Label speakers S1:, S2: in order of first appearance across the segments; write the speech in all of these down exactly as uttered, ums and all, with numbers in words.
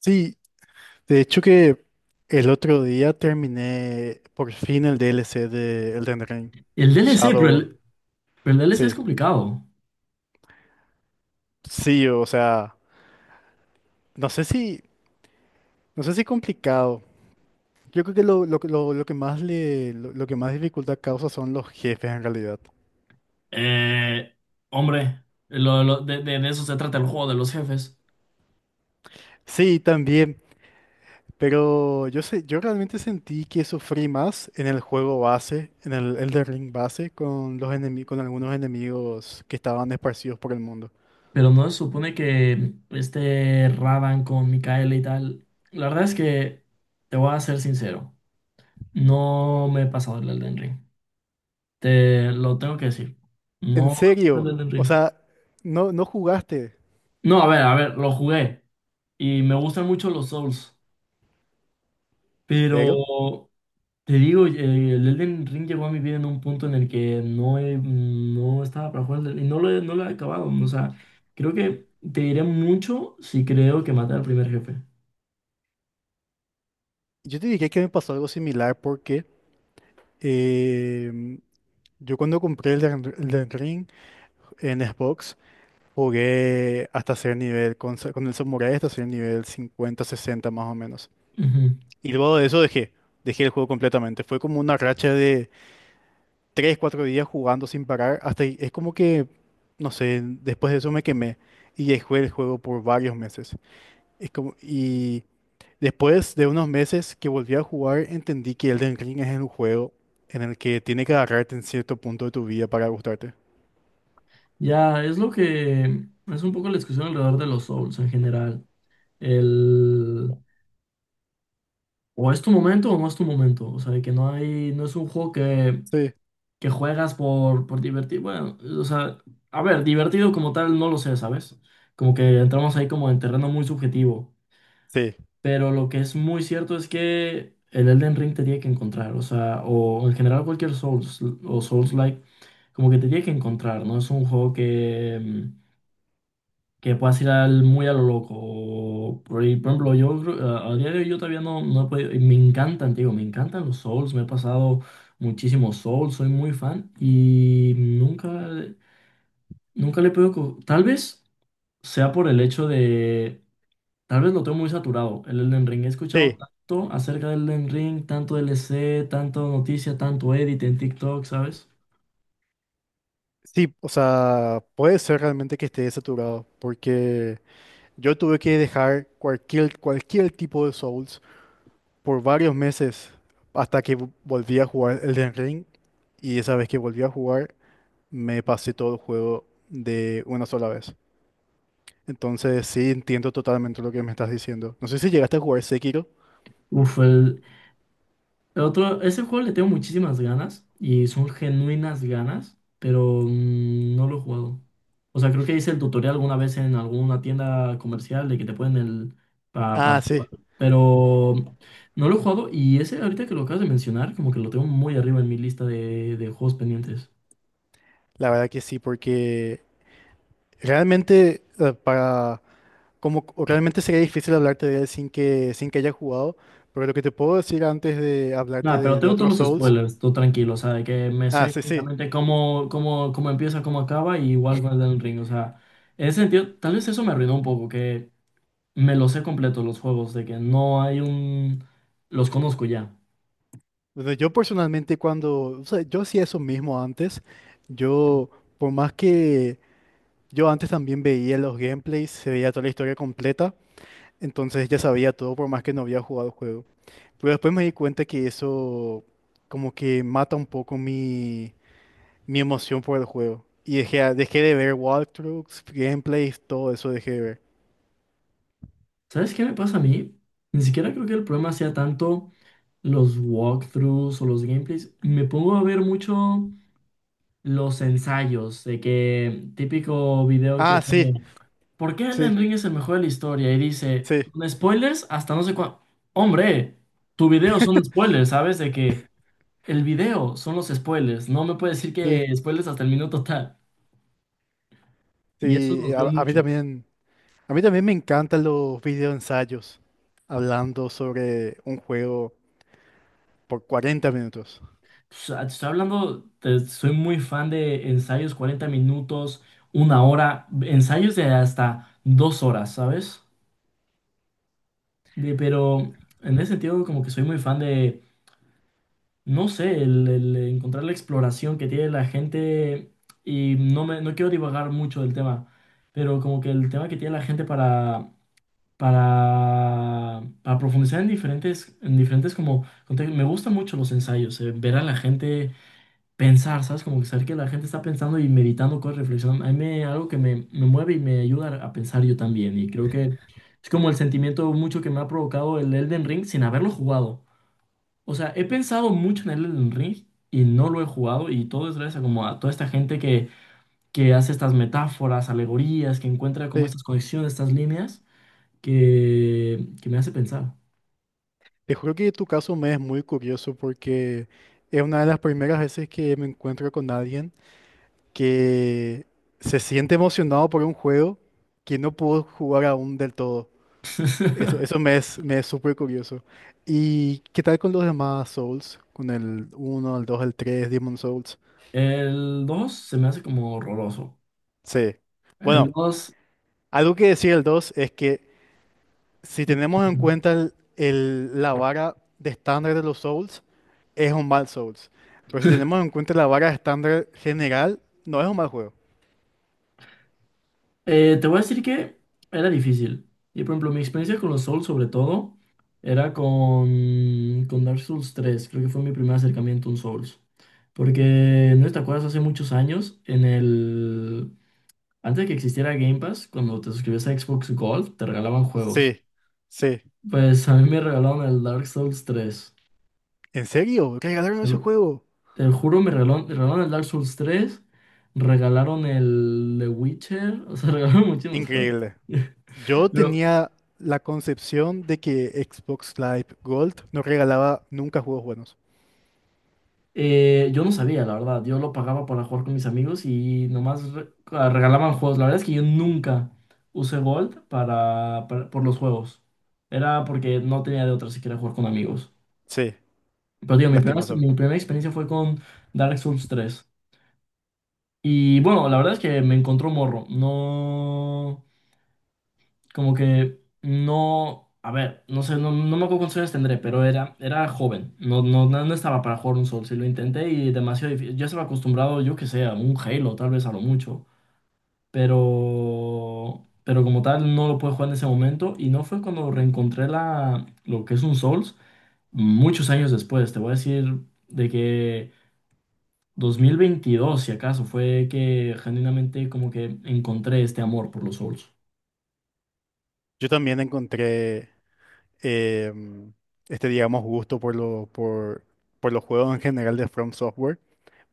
S1: Sí, de hecho que el otro día terminé por fin el D L C de Elden Ring
S2: El D L C, pero
S1: Shadow.
S2: el, pero el D L C es
S1: Sí,
S2: complicado.
S1: sí, o sea, no sé si, no sé si complicado. Yo creo que lo, lo, que- lo, lo que más le, lo, lo que más dificultad causa son los jefes en realidad.
S2: Eh, Hombre, lo- lo- de, de- de eso se trata el juego de los jefes.
S1: Sí, también, pero yo sé, yo realmente sentí que sufrí más en el juego base, en el Elden Ring base, con los enemi- con algunos enemigos que estaban esparcidos por el mundo.
S2: Pero no se supone que este Radan con Micaela y tal. La verdad es que te voy a ser sincero. No me he pasado el Elden Ring. Te lo tengo que decir.
S1: ¿En
S2: No me he
S1: serio?
S2: pasado el Elden
S1: O
S2: Ring.
S1: sea, no, no jugaste,
S2: No, a ver, a ver, lo jugué. Y me gustan mucho los Souls.
S1: pero
S2: Pero... Te digo, eh, el Elden Ring llegó a mi vida en un punto en el que no, he- no estaba para jugar el, y no lo he, no lo he acabado. O sea, creo que te diré mucho si creo que maté al primer jefe.
S1: yo te dije que me pasó algo similar porque em, yo cuando compré el Elden Ri- Elden Ring en Xbox jugué hasta ser nivel, con, sa- con el Samurai hasta ser nivel cincuenta sesenta más o menos.
S2: Ujú.
S1: Y luego de eso dejé, dejé el juego completamente. Fue como una racha de tres cuatro días jugando sin parar, hasta y- es como que, no sé, después de eso me quemé y dejé el juego por varios meses. Es como, y… Después de unos meses que volví a jugar, entendí que Elden Ring es un juego en el que tiene que agarrarte en cierto punto de tu vida para gustarte.
S2: Ya, es lo que es un poco la discusión alrededor de los Souls en general. El O es tu momento o no es tu momento. O sea, de que no hay, no es un juego que,
S1: Sí,
S2: que juegas por, por divertir. Bueno, o sea, a ver, divertido como tal no lo sé, ¿sabes? Como que entramos ahí como en terreno muy subjetivo.
S1: sí,
S2: Pero lo que es muy cierto es que el Elden Ring te tiene que encontrar, o sea, o en general cualquier Souls o Souls-like, como que te tiene que encontrar, ¿no? Es un juego que, mm, que puedas ir al, muy a lo loco. O por ahí, por ejemplo, yo creo- a, a día de hoy yo todavía no, no he podido, y me encantan, te digo, me encantan los Souls, me he pasado muchísimos Souls, soy muy fan y nunca, nunca le he podido... co- Tal vez sea por el hecho de... Tal vez lo tengo muy saturado, el Elden Ring. He escuchado
S1: sí,
S2: tanto acerca del Elden Ring, tanto D L C, tanto noticia, tanto edit en TikTok, ¿sabes?
S1: sí, o sea, puede ser realmente que esté saturado, porque yo tuve que dejar cualquier, cualquier tipo de Souls por varios meses hasta que vo- volví a jugar Elden Ring, y esa vez que volví a jugar, me pasé todo el juego de una sola vez. Entonces, sí, entiendo totalmente lo que me estás diciendo. No sé si llegaste a jugar Sekiro.
S2: Uf, el, el otro, ese juego le tengo muchísimas ganas, y son genuinas ganas, pero mm, no lo he jugado. O sea, creo que hice el tutorial alguna vez en alguna tienda comercial de que te ponen el... para
S1: Ah,
S2: jugar,
S1: sí,
S2: pero no lo he jugado, y ese, ahorita que lo acabas de mencionar, como que lo tengo muy arriba en mi lista de, de juegos pendientes.
S1: la verdad que sí, porque realmente eh, para como o realmente sería difícil hablarte de él sin que sin que haya jugado, pero lo que te puedo decir antes de hablarte
S2: Nada, pero
S1: de, de
S2: tengo
S1: otros
S2: todos los
S1: Souls,
S2: spoilers, tú tranquilo, o sea, de que me sé
S1: ah, sí, sí.
S2: exactamente cómo, cómo, cómo empieza, cómo acaba, y igual con el del ring, o sea, en ese sentido, tal vez eso me arruinó un poco, que me los sé completos los juegos, de que no hay un... los conozco ya.
S1: Bueno, yo personalmente cuando, o sea, yo hacía eso mismo antes, yo por más que yo antes también veía los gameplays, se veía toda la historia completa, entonces ya sabía todo por más que no había jugado el juego. Pero después me di cuenta que eso como que mata un poco mi mi emoción por el juego. Y dejé, dejé de ver walkthroughs, gameplays, todo eso dejé de ver.
S2: ¿Sabes qué me pasa a mí? Ni siquiera creo que el problema sea tanto los walkthroughs o los gameplays, me pongo a ver mucho los ensayos, de que típico video que
S1: Ah, sí,
S2: pone: ¿por qué Elden
S1: sí,
S2: Ring es el mejor de la historia? Y dice,
S1: sí,
S2: con spoilers hasta no sé cuándo. Hombre, tu video son spoilers, ¿sabes? De que el video son los spoilers. No me puedes decir
S1: sí,
S2: que spoilers hasta el minuto tal. Y eso
S1: sí.
S2: los veo
S1: A, a mí
S2: mucho.
S1: también, a mí también me encantan los videoensayos hablando sobre un juego por cuarenta minutos.
S2: Pues, ah, te estoy hablando, te- soy muy fan de ensayos 40 minutos, una hora, ensayos de hasta dos horas, ¿sabes? De- pero en ese sentido, como que soy muy fan de no sé, el, el encontrar la exploración que tiene la gente, y no me, no quiero divagar mucho del tema, pero como que el tema que tiene la gente para, para, para, profundizar en diferentes, en diferentes como contextos. Me gustan mucho los ensayos, eh, ver a la gente pensar, ¿sabes? Como que saber que la gente está pensando y meditando cosas, reflexionando. A mí me- algo que me, me mueve y me ayuda a pensar yo también, y creo que es como el sentimiento mucho que me ha provocado el Elden Ring sin haberlo jugado. O sea, he pensado mucho en el Elden Ring y no lo he jugado, y todo es gracias a, como a toda esta gente que, que hace estas metáforas, alegorías, que encuentra como
S1: Sí,
S2: estas conexiones, estas líneas que, que me hace pensar.
S1: te juro que tu caso me es muy curioso porque es una de las primeras veces que me encuentro con alguien que se siente emocionado por un juego que no pudo jugar aún del todo. Eso, eso me es, me es súper curioso. ¿Y qué tal con los demás Souls? Con el uno, el dos, el tres, Demon Souls.
S2: El dos se me hace como horroroso.
S1: Sí.
S2: El
S1: Bueno,
S2: dos.
S1: algo que decir el dos es que si tenemos en cuenta el- el- la vara de estándar de los Souls, es un mal Souls. Pero si tenemos en cuenta la vara de estándar general, no es un mal juego.
S2: Eh, te voy a decir que era difícil. Y por ejemplo, mi experiencia con los Souls, sobre todo, era con, con Dark Souls tres. Creo que fue mi primer acercamiento a un Souls. Porque, ¿no te acuerdas? Hace muchos años, en el... Antes de que existiera Game Pass, cuando te suscribías a Xbox Gold, te regalaban juegos.
S1: Sí, sí.
S2: Pues a mí me regalaron el Dark Souls tres.
S1: ¿En serio? ¿Regalaron
S2: Te
S1: ese
S2: lo-
S1: juego?
S2: te juro, me regalaron, me regalaron el Dark Souls tres, regalaron el The Witcher, o sea, regalaron muchísimos juegos.
S1: Increíble. Yo
S2: Pero...
S1: tenía la concepción de que Xbox Live Gold no regalaba nunca juegos buenos.
S2: Eh, yo no sabía, la verdad. Yo lo pagaba para jugar con mis amigos, y nomás re- ah, regalaban juegos. La verdad es que yo nunca usé Gold para, para- por los juegos. Era porque no tenía de otra si quería jugar con amigos.
S1: Sí,
S2: Pero digo, mi primera,
S1: lastimosamente.
S2: mi primera experiencia fue con Dark Souls tres. Y bueno, la verdad es que me encontró morro. No. Como que no, a ver, no sé, no, no me acuerdo cuántos años tendré, pero era, era joven, no, no, no no estaba para jugar un Souls, y lo intenté, y demasiado difícil, ya estaba acostumbrado, yo que sé, a un Halo, tal vez a lo mucho, pero, pero como tal no lo pude jugar en ese momento, y no fue cuando reencontré la, lo que es un Souls, muchos años después, te voy a decir, de que dos mil veintidós si acaso, fue que genuinamente como que encontré este amor por los Souls.
S1: Yo también encontré em, este, digamos, gusto por lo, por, por los juegos en general de From Software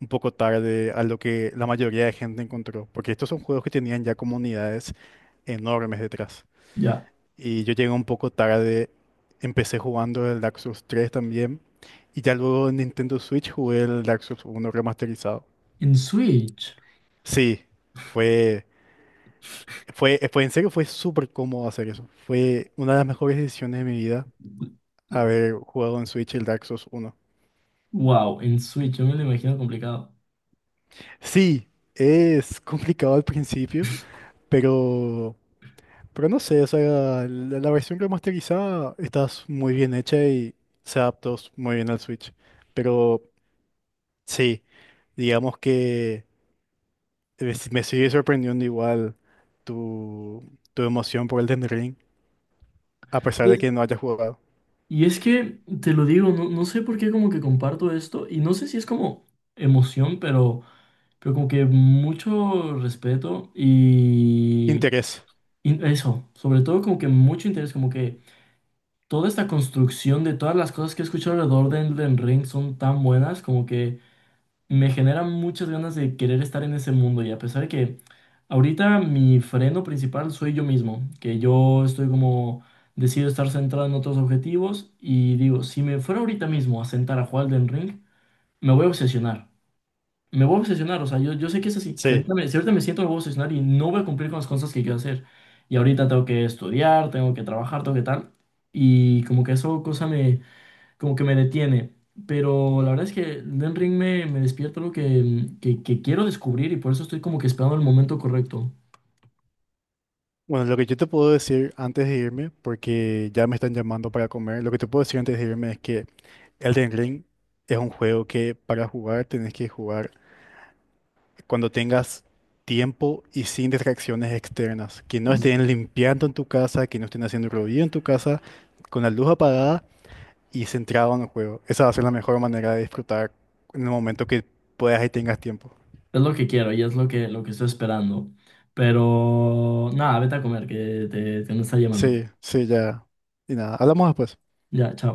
S1: un poco tarde a lo que la mayoría de gente encontró, porque estos son juegos que tenían ya comunidades enormes detrás.
S2: Ya.
S1: Y yo llegué un poco tarde, empecé jugando el Dark Souls tres también, y ya luego en Nintendo Switch jugué el Dark Souls uno remasterizado.
S2: En Switch.
S1: Sí, fue, fue, fue en serio, fue súper cómodo hacer eso. Fue una de las mejores decisiones de mi vida haber jugado en Switch el Dark Souls uno.
S2: Wow, en Switch, yo me lo imagino complicado.
S1: Sí, es complicado al principio, pero, pero no sé, o sea, la, la versión remasterizada está s- muy bien hecha y se adaptó s- muy bien al Switch. Pero sí, digamos que eh, s- me sigue sorprendiendo igual tu, tu emoción por el Elden Ring, a pesar
S2: Y
S1: de
S2: es,
S1: que no haya jugado.
S2: y es que, te lo digo, no, no sé por qué como que comparto esto, y no sé si es como emoción, pero, pero como que mucho respeto, y,
S1: Interés.
S2: y eso, sobre todo como que mucho interés, como que toda esta construcción de todas las cosas que he escuchado alrededor de Elden Ring son tan buenas, como que me genera muchas ganas de querer estar en ese mundo, y a pesar de que ahorita mi freno principal soy yo mismo, que yo estoy como decido estar centrado en otros objetivos, y digo, si me fuera ahorita mismo a sentar a jugar Elden Ring, me voy a obsesionar. Me voy a obsesionar, o sea, yo, yo sé que es así. Si
S1: Sí.
S2: ahorita me, si ahorita me siento, me voy a obsesionar, y no voy a cumplir con las cosas que quiero hacer. Y ahorita tengo que estudiar, tengo que trabajar, tengo que tal. Y como que eso cosa como que me detiene. Pero la verdad es que Den Ring me, me despierta algo que, que, que quiero descubrir, y por eso estoy como que esperando el momento correcto.
S1: Bueno, lo que yo te puedo decir antes de irme, porque ya me están llamando para comer, lo que te puedo decir antes de irme es que Elden Ring es un juego que para jugar tenés que jugar cuando tengas tiempo y sin distracciones externas, que no
S2: Es
S1: estén limpiando en tu casa, que no estén haciendo ruido en tu casa, con la luz apagada y centrado en el juego. Esa va a ser la mejor manera de disfrutar en el momento que puedas y tengas tiempo.
S2: lo que quiero, y es lo que, lo que estoy esperando. Pero nada, vete a comer, que te, te me está llamando.
S1: Sí, sí, ya. Y nada, hablamos después.
S2: Ya, chao.